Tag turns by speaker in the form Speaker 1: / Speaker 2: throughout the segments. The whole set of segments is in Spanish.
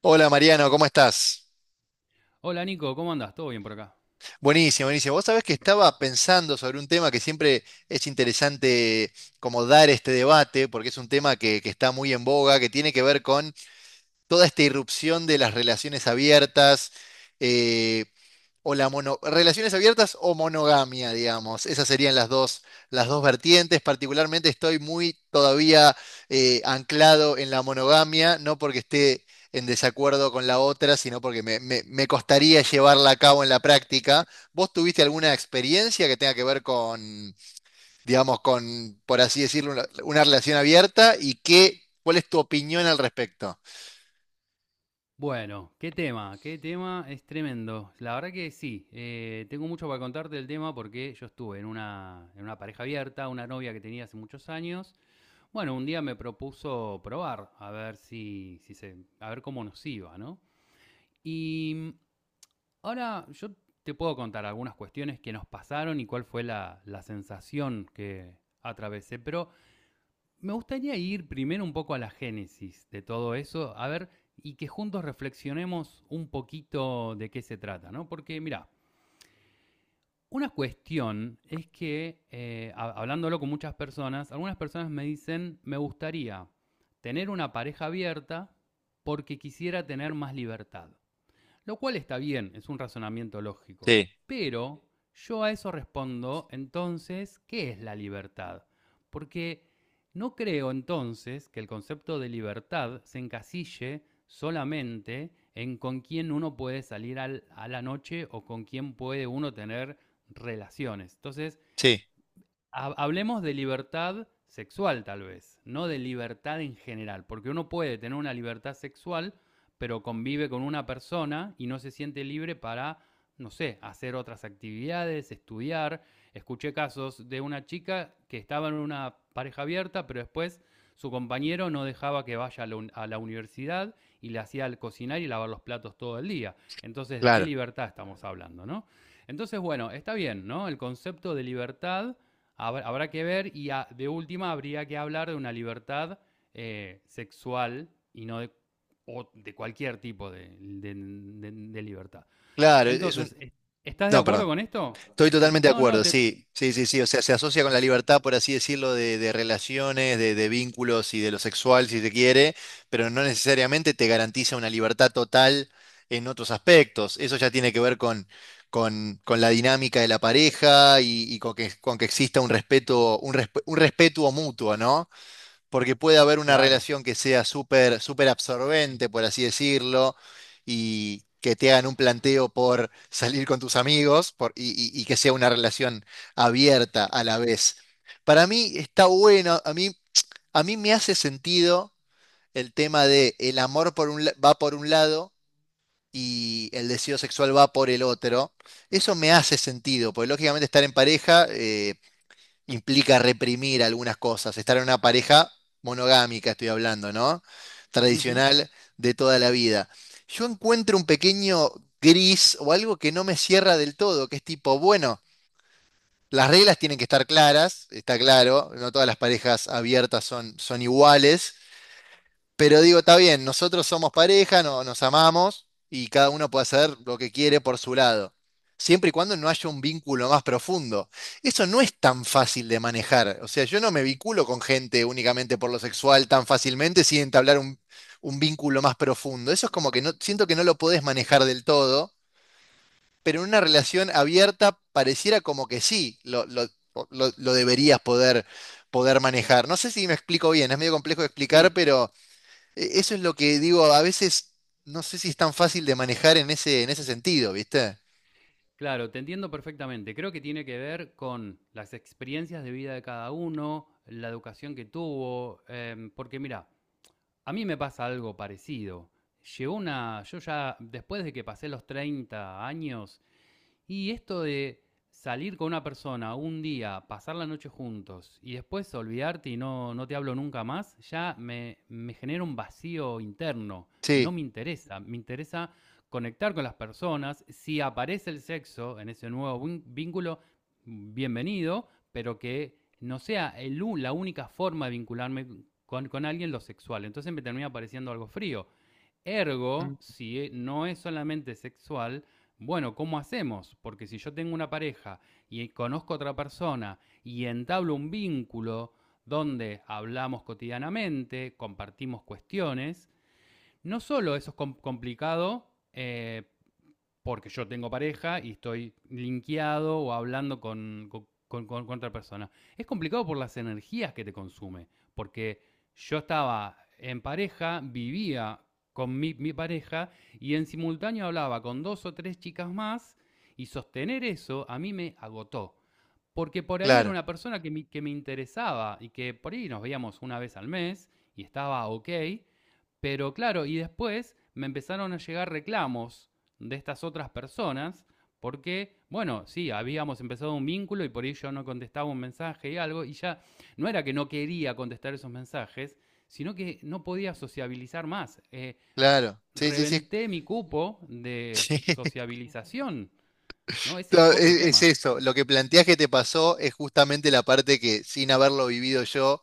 Speaker 1: Hola Mariano, ¿cómo estás?
Speaker 2: Hola Nico, ¿cómo andás? ¿Todo bien por acá?
Speaker 1: Buenísimo, buenísimo. Vos sabés que estaba pensando sobre un tema que siempre es interesante como dar este debate, porque es un tema que está muy en boga, que tiene que ver con toda esta irrupción de las relaciones abiertas. eh, o la mono, relaciones abiertas o monogamia, digamos. Esas serían las dos vertientes. Particularmente estoy muy todavía anclado en la monogamia, no porque esté en desacuerdo con la otra, sino porque me costaría llevarla a cabo en la práctica. ¿Vos tuviste alguna experiencia que tenga que ver con, digamos, con, por así decirlo, una relación abierta? ¿Y qué, cuál es tu opinión al respecto?
Speaker 2: Bueno, qué tema es tremendo. La verdad que sí, tengo mucho para contarte del tema porque yo estuve en una pareja abierta, una novia que tenía hace muchos años. Bueno, un día me propuso probar, a ver si, si se, a ver cómo nos iba, ¿no? Y ahora yo te puedo contar algunas cuestiones que nos pasaron y cuál fue la sensación que atravesé, pero me gustaría ir primero un poco a la génesis de todo eso, a ver, y que juntos reflexionemos un poquito de qué se trata, ¿no? Porque, mira, una cuestión es que, hablándolo con muchas personas, algunas personas me dicen, me gustaría tener una pareja abierta porque quisiera tener más libertad. Lo cual está bien, es un razonamiento lógico.
Speaker 1: Sí,
Speaker 2: Pero yo a eso respondo entonces, ¿qué es la libertad? Porque no creo entonces que el concepto de libertad se encasille solamente en con quién uno puede salir a la noche o con quién puede uno tener relaciones. Entonces,
Speaker 1: sí,
Speaker 2: hablemos de libertad sexual tal vez, no de libertad en general, porque uno puede tener una libertad sexual, pero convive con una persona y no se siente libre para, no sé, hacer otras actividades, estudiar. Escuché casos de una chica que estaba en una pareja abierta, pero después su compañero no dejaba que vaya a la universidad y le hacía cocinar y lavar los platos todo el día. Entonces, ¿de qué
Speaker 1: claro.
Speaker 2: libertad estamos hablando, no? Entonces, bueno, está bien, ¿no? El concepto de libertad habrá que ver y de última habría que hablar de una libertad sexual y no o de cualquier tipo de libertad.
Speaker 1: Claro, es un...
Speaker 2: Entonces, ¿estás de
Speaker 1: No,
Speaker 2: acuerdo
Speaker 1: perdón.
Speaker 2: con esto?
Speaker 1: Estoy totalmente de
Speaker 2: No, no,
Speaker 1: acuerdo, sí, sí, sí, sí. O
Speaker 2: eso.
Speaker 1: sea, se asocia con la libertad, por así decirlo, de relaciones, de vínculos y de lo sexual, si se quiere, pero no necesariamente te garantiza una libertad total en otros aspectos. Eso ya tiene que ver con la dinámica de la pareja y con que exista un respeto, un respeto mutuo, ¿no? Porque puede haber una
Speaker 2: Claro.
Speaker 1: relación que sea súper súper absorbente, por así decirlo, y que te hagan un planteo por salir con tus amigos y que sea una relación abierta a la vez. Para mí está bueno, a mí me hace sentido el tema de el amor por un, va por un lado y el deseo sexual va por el otro. Eso me hace sentido, porque lógicamente estar en pareja implica reprimir algunas cosas, estar en una pareja monogámica, estoy hablando, ¿no?
Speaker 2: Ujú.
Speaker 1: Tradicional de toda la vida. Yo encuentro un pequeño gris o algo que no me cierra del todo, que es tipo, bueno, las reglas tienen que estar claras, está claro, no todas las parejas abiertas son, son iguales, pero digo, está bien, nosotros somos pareja, no, nos amamos y cada uno puede hacer lo que quiere por su lado, siempre y cuando no haya un vínculo más profundo. Eso no es tan fácil de manejar. O sea, yo no me vinculo con gente únicamente por lo sexual tan fácilmente sin entablar un vínculo más profundo. Eso es como que no, siento que no lo podés manejar del todo, pero en una relación abierta pareciera como que sí, lo deberías poder, poder manejar. No sé si me explico bien, es medio complejo de explicar,
Speaker 2: Sí,
Speaker 1: pero... Eso es lo que digo, a veces no sé si es tan fácil de manejar en ese sentido, ¿viste?
Speaker 2: claro, te entiendo perfectamente. Creo que tiene que ver con las experiencias de vida de cada uno, la educación que tuvo, porque mira, a mí me pasa algo parecido. Llegó una, yo ya después de que pasé los 30 años, y esto de salir con una persona un día, pasar la noche juntos y después olvidarte y no, no te hablo nunca más, ya me genera un vacío interno. No
Speaker 1: Sí,
Speaker 2: me interesa. Me interesa conectar con las personas. Si aparece el sexo en ese nuevo vínculo, bienvenido, pero que no sea el la única forma de vincularme con, alguien lo sexual. Entonces me termina pareciendo algo frío.
Speaker 1: mm,
Speaker 2: Ergo, si no es solamente sexual, bueno, ¿cómo hacemos? Porque si yo tengo una pareja y conozco a otra persona y entablo un vínculo donde hablamos cotidianamente, compartimos cuestiones, no solo eso es complicado porque yo tengo pareja y estoy linkeado o hablando con, con otra persona. Es complicado por las energías que te consume, porque yo estaba en pareja, vivía con mi, pareja y en simultáneo hablaba con dos o tres chicas más y sostener eso a mí me agotó. Porque por ahí era
Speaker 1: claro,
Speaker 2: una persona que me interesaba y que por ahí nos veíamos una vez al mes y estaba ok, pero claro, y después me empezaron a llegar reclamos de estas otras personas, porque, bueno, sí, habíamos empezado un vínculo y por ahí yo no contestaba un mensaje y algo, y ya no era que no quería contestar esos mensajes, sino que no podía sociabilizar más.
Speaker 1: claro. Sí, sí, sí.
Speaker 2: Reventé mi cupo de sociabilización, ¿no?
Speaker 1: Sí.
Speaker 2: Ese es
Speaker 1: No,
Speaker 2: otro
Speaker 1: es,
Speaker 2: tema.
Speaker 1: eso, lo que planteas que te pasó es justamente la parte que sin haberlo vivido yo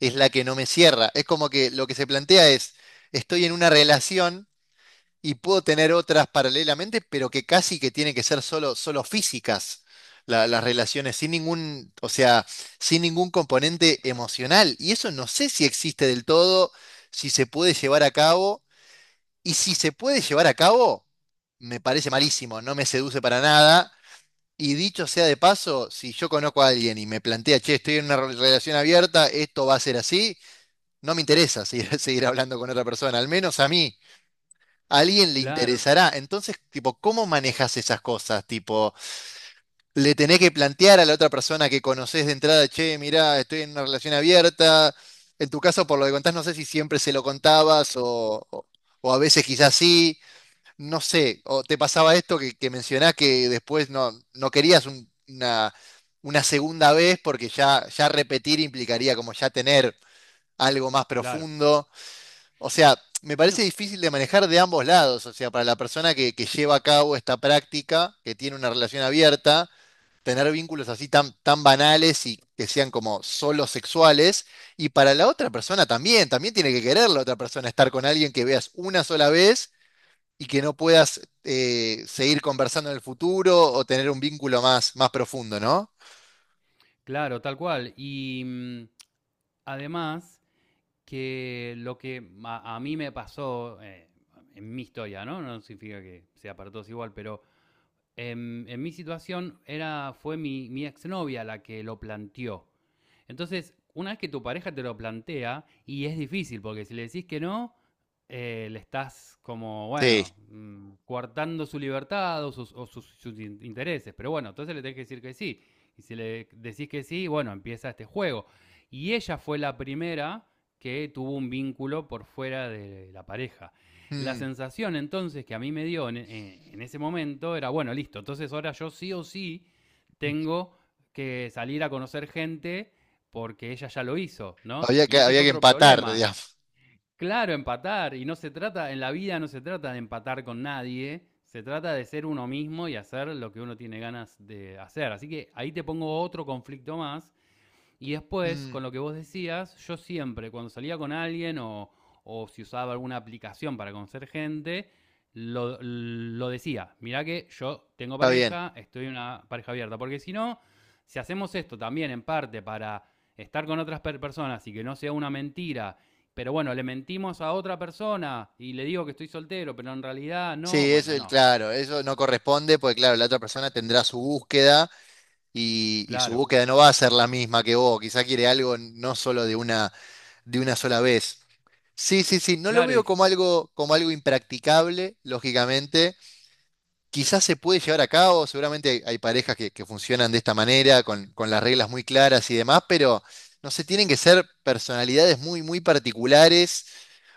Speaker 1: es la que no me cierra. Es como que lo que se plantea es, estoy en una relación. Y puedo tener otras paralelamente, pero que casi que tienen que ser solo, solo físicas las relaciones, sin ningún, o sea, sin ningún componente emocional. Y eso no sé si existe del todo, si se puede llevar a cabo, y si se puede llevar a cabo, me parece malísimo, no me seduce para nada. Y dicho sea de paso, si yo conozco a alguien y me plantea, che, estoy en una relación abierta, esto va a ser así, no me interesa seguir, seguir hablando con otra persona, al menos a mí a alguien le
Speaker 2: Claro,
Speaker 1: interesará. Entonces, tipo, ¿cómo manejas esas cosas? Tipo, le tenés que plantear a la otra persona que conoces de entrada, che, mirá, estoy en una relación abierta. En tu caso, por lo que contás, no sé si siempre se lo contabas o a veces quizás sí, no sé. O te pasaba esto que mencionás que después no, no querías una segunda vez porque ya, ya repetir implicaría como ya tener algo más
Speaker 2: claro.
Speaker 1: profundo. O sea, me parece
Speaker 2: No,
Speaker 1: difícil de manejar de ambos lados. O sea, para la persona que lleva a cabo esta práctica, que tiene una relación abierta, tener vínculos así tan, tan banales y que sean como solo sexuales. Y para la otra persona también, también tiene que querer la otra persona estar con alguien que veas una sola vez y que no puedas seguir conversando en el futuro o tener un vínculo más, más profundo, ¿no?
Speaker 2: claro, tal cual. Y además que lo que a, mí me pasó en mi historia, ¿no? No significa que sea para todos igual, pero en, mi situación era, fue mi exnovia la que lo planteó. Entonces, una vez que tu pareja te lo plantea, y es difícil, porque si le decís que no, le estás como,
Speaker 1: Sí.
Speaker 2: bueno, coartando su libertad o sus intereses. Pero bueno, entonces le tenés que decir que sí. Y si le decís que sí, bueno, empieza este juego. Y ella fue la primera que tuvo un vínculo por fuera de la pareja. La
Speaker 1: Mm.
Speaker 2: sensación entonces que a mí me dio en, en ese momento era, bueno, listo, entonces ahora yo sí o sí tengo que salir a conocer gente porque ella ya lo hizo, ¿no?
Speaker 1: Había que,
Speaker 2: Y ese es
Speaker 1: había que
Speaker 2: otro
Speaker 1: empatar,
Speaker 2: problema.
Speaker 1: digamos.
Speaker 2: Claro, empatar, y no se trata, en la vida no se trata de empatar con nadie, se trata de ser uno mismo y hacer lo que uno tiene ganas de hacer. Así que ahí te pongo otro conflicto más, y después,
Speaker 1: Mm,
Speaker 2: con lo que vos decías, yo siempre, cuando salía con alguien o, si usaba alguna aplicación para conocer gente, lo decía. Mirá que yo tengo
Speaker 1: está bien.
Speaker 2: pareja, estoy en una pareja abierta. Porque si no, si hacemos esto también en parte para estar con otras personas y que no sea una mentira, pero bueno, le mentimos a otra persona y le digo que estoy soltero, pero en realidad no,
Speaker 1: Sí, eso
Speaker 2: bueno,
Speaker 1: es
Speaker 2: no.
Speaker 1: claro, eso no corresponde porque claro, la otra persona tendrá su búsqueda y su
Speaker 2: Claro,
Speaker 1: búsqueda no va a ser la misma que vos, quizá quiere algo no solo de una sola vez. Sí, sí, sí, no lo
Speaker 2: claro,
Speaker 1: veo como algo impracticable, lógicamente. Quizás se puede llevar a cabo, seguramente hay, hay parejas que funcionan de esta manera, con las reglas muy claras y demás, pero no sé, tienen que ser personalidades muy, muy particulares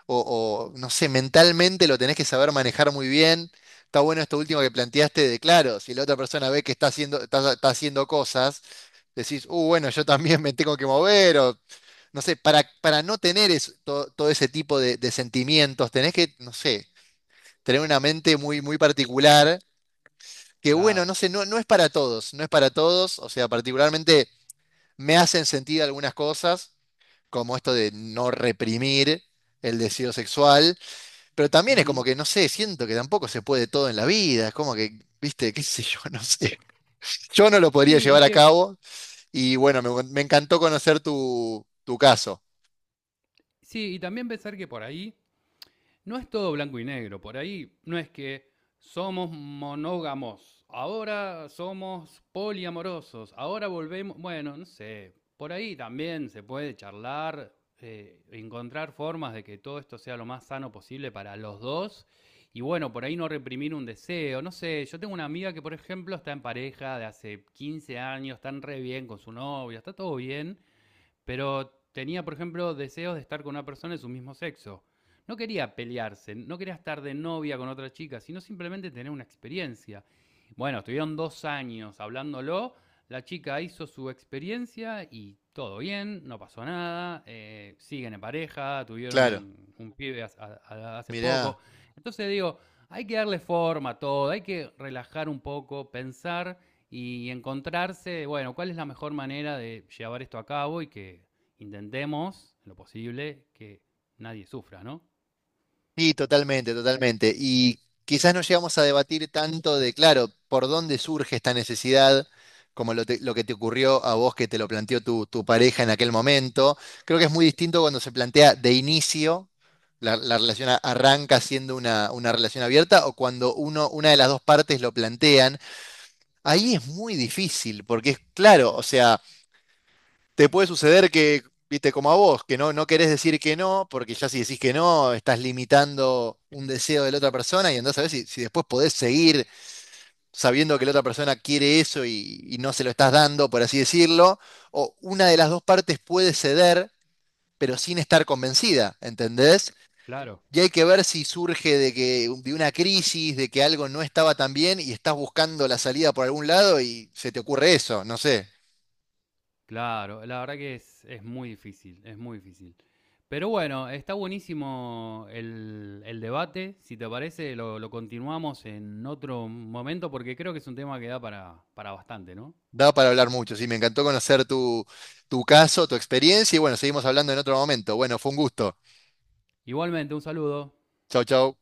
Speaker 1: o, no sé, mentalmente lo tenés que saber manejar muy bien. Está bueno esto último que planteaste de, claro, si la otra persona ve que está haciendo, está, está haciendo cosas, decís, bueno, yo también me tengo que mover, o no sé, para no tener todo ese tipo de sentimientos, tenés que, no sé, tener una mente muy, muy particular, que bueno, no
Speaker 2: claro.
Speaker 1: sé, no, no es para todos, no es para todos, o sea, particularmente me hacen sentir algunas cosas, como esto de no reprimir el deseo sexual, pero también es como
Speaker 2: Ujú.
Speaker 1: que, no sé, siento que tampoco se puede todo en la vida, es como que, viste, qué sé yo, no sé. Yo no lo podría
Speaker 2: Sí, y
Speaker 1: llevar a
Speaker 2: que,
Speaker 1: cabo y bueno, me encantó conocer tu, tu caso.
Speaker 2: sí, y también pensar que por ahí no es todo blanco y negro. Por ahí no es que somos monógamos, ahora somos poliamorosos, ahora volvemos, bueno, no sé, por ahí también se puede charlar, encontrar formas de que todo esto sea lo más sano posible para los dos. Y bueno, por ahí no reprimir un deseo, no sé, yo tengo una amiga que por ejemplo está en pareja de hace 15 años, están re bien con su novia, está todo bien, pero tenía, por ejemplo, deseos de estar con una persona de su mismo sexo. No quería pelearse, no quería estar de novia con otra chica, sino simplemente tener una experiencia. Bueno, estuvieron 2 años hablándolo, la chica hizo su experiencia y todo bien, no pasó nada, siguen en pareja, tuvieron
Speaker 1: Claro,
Speaker 2: un, pibe hace poco.
Speaker 1: mirá.
Speaker 2: Entonces digo, hay que darle forma a todo, hay que relajar un poco, pensar y encontrarse, bueno, cuál es la mejor manera de llevar esto a cabo y que intentemos, en lo posible, que nadie sufra, ¿no?
Speaker 1: Sí, totalmente, totalmente. Y quizás no llegamos a debatir tanto de, claro, por dónde surge esta necesidad, como lo que te ocurrió a vos que te lo planteó tu, tu pareja en aquel momento. Creo que es muy distinto cuando se plantea de inicio, la relación arranca siendo una relación abierta, o cuando uno, una de las dos partes lo plantean. Ahí es muy difícil, porque es claro, o sea te puede suceder que, viste, como a vos, que no, no querés decir que no, porque ya si decís que no, estás limitando un deseo de la otra persona y entonces a ver si, si después podés seguir sabiendo que la otra persona quiere eso y no se lo estás dando, por así decirlo, o una de las dos partes puede ceder, pero sin estar convencida, ¿entendés?
Speaker 2: Claro.
Speaker 1: Y hay que ver si surge de que de una crisis, de que algo no estaba tan bien y estás buscando la salida por algún lado y se te ocurre eso, no sé.
Speaker 2: Claro, la verdad que es muy difícil, es muy difícil. Pero bueno, está buenísimo el debate. Si te parece, lo continuamos en otro momento porque creo que es un tema que da para bastante, ¿no?
Speaker 1: Da para hablar mucho, sí, me encantó conocer tu, tu caso, tu experiencia y bueno, seguimos hablando en otro momento. Bueno, fue un gusto.
Speaker 2: Igualmente, un saludo.
Speaker 1: Chau, chau.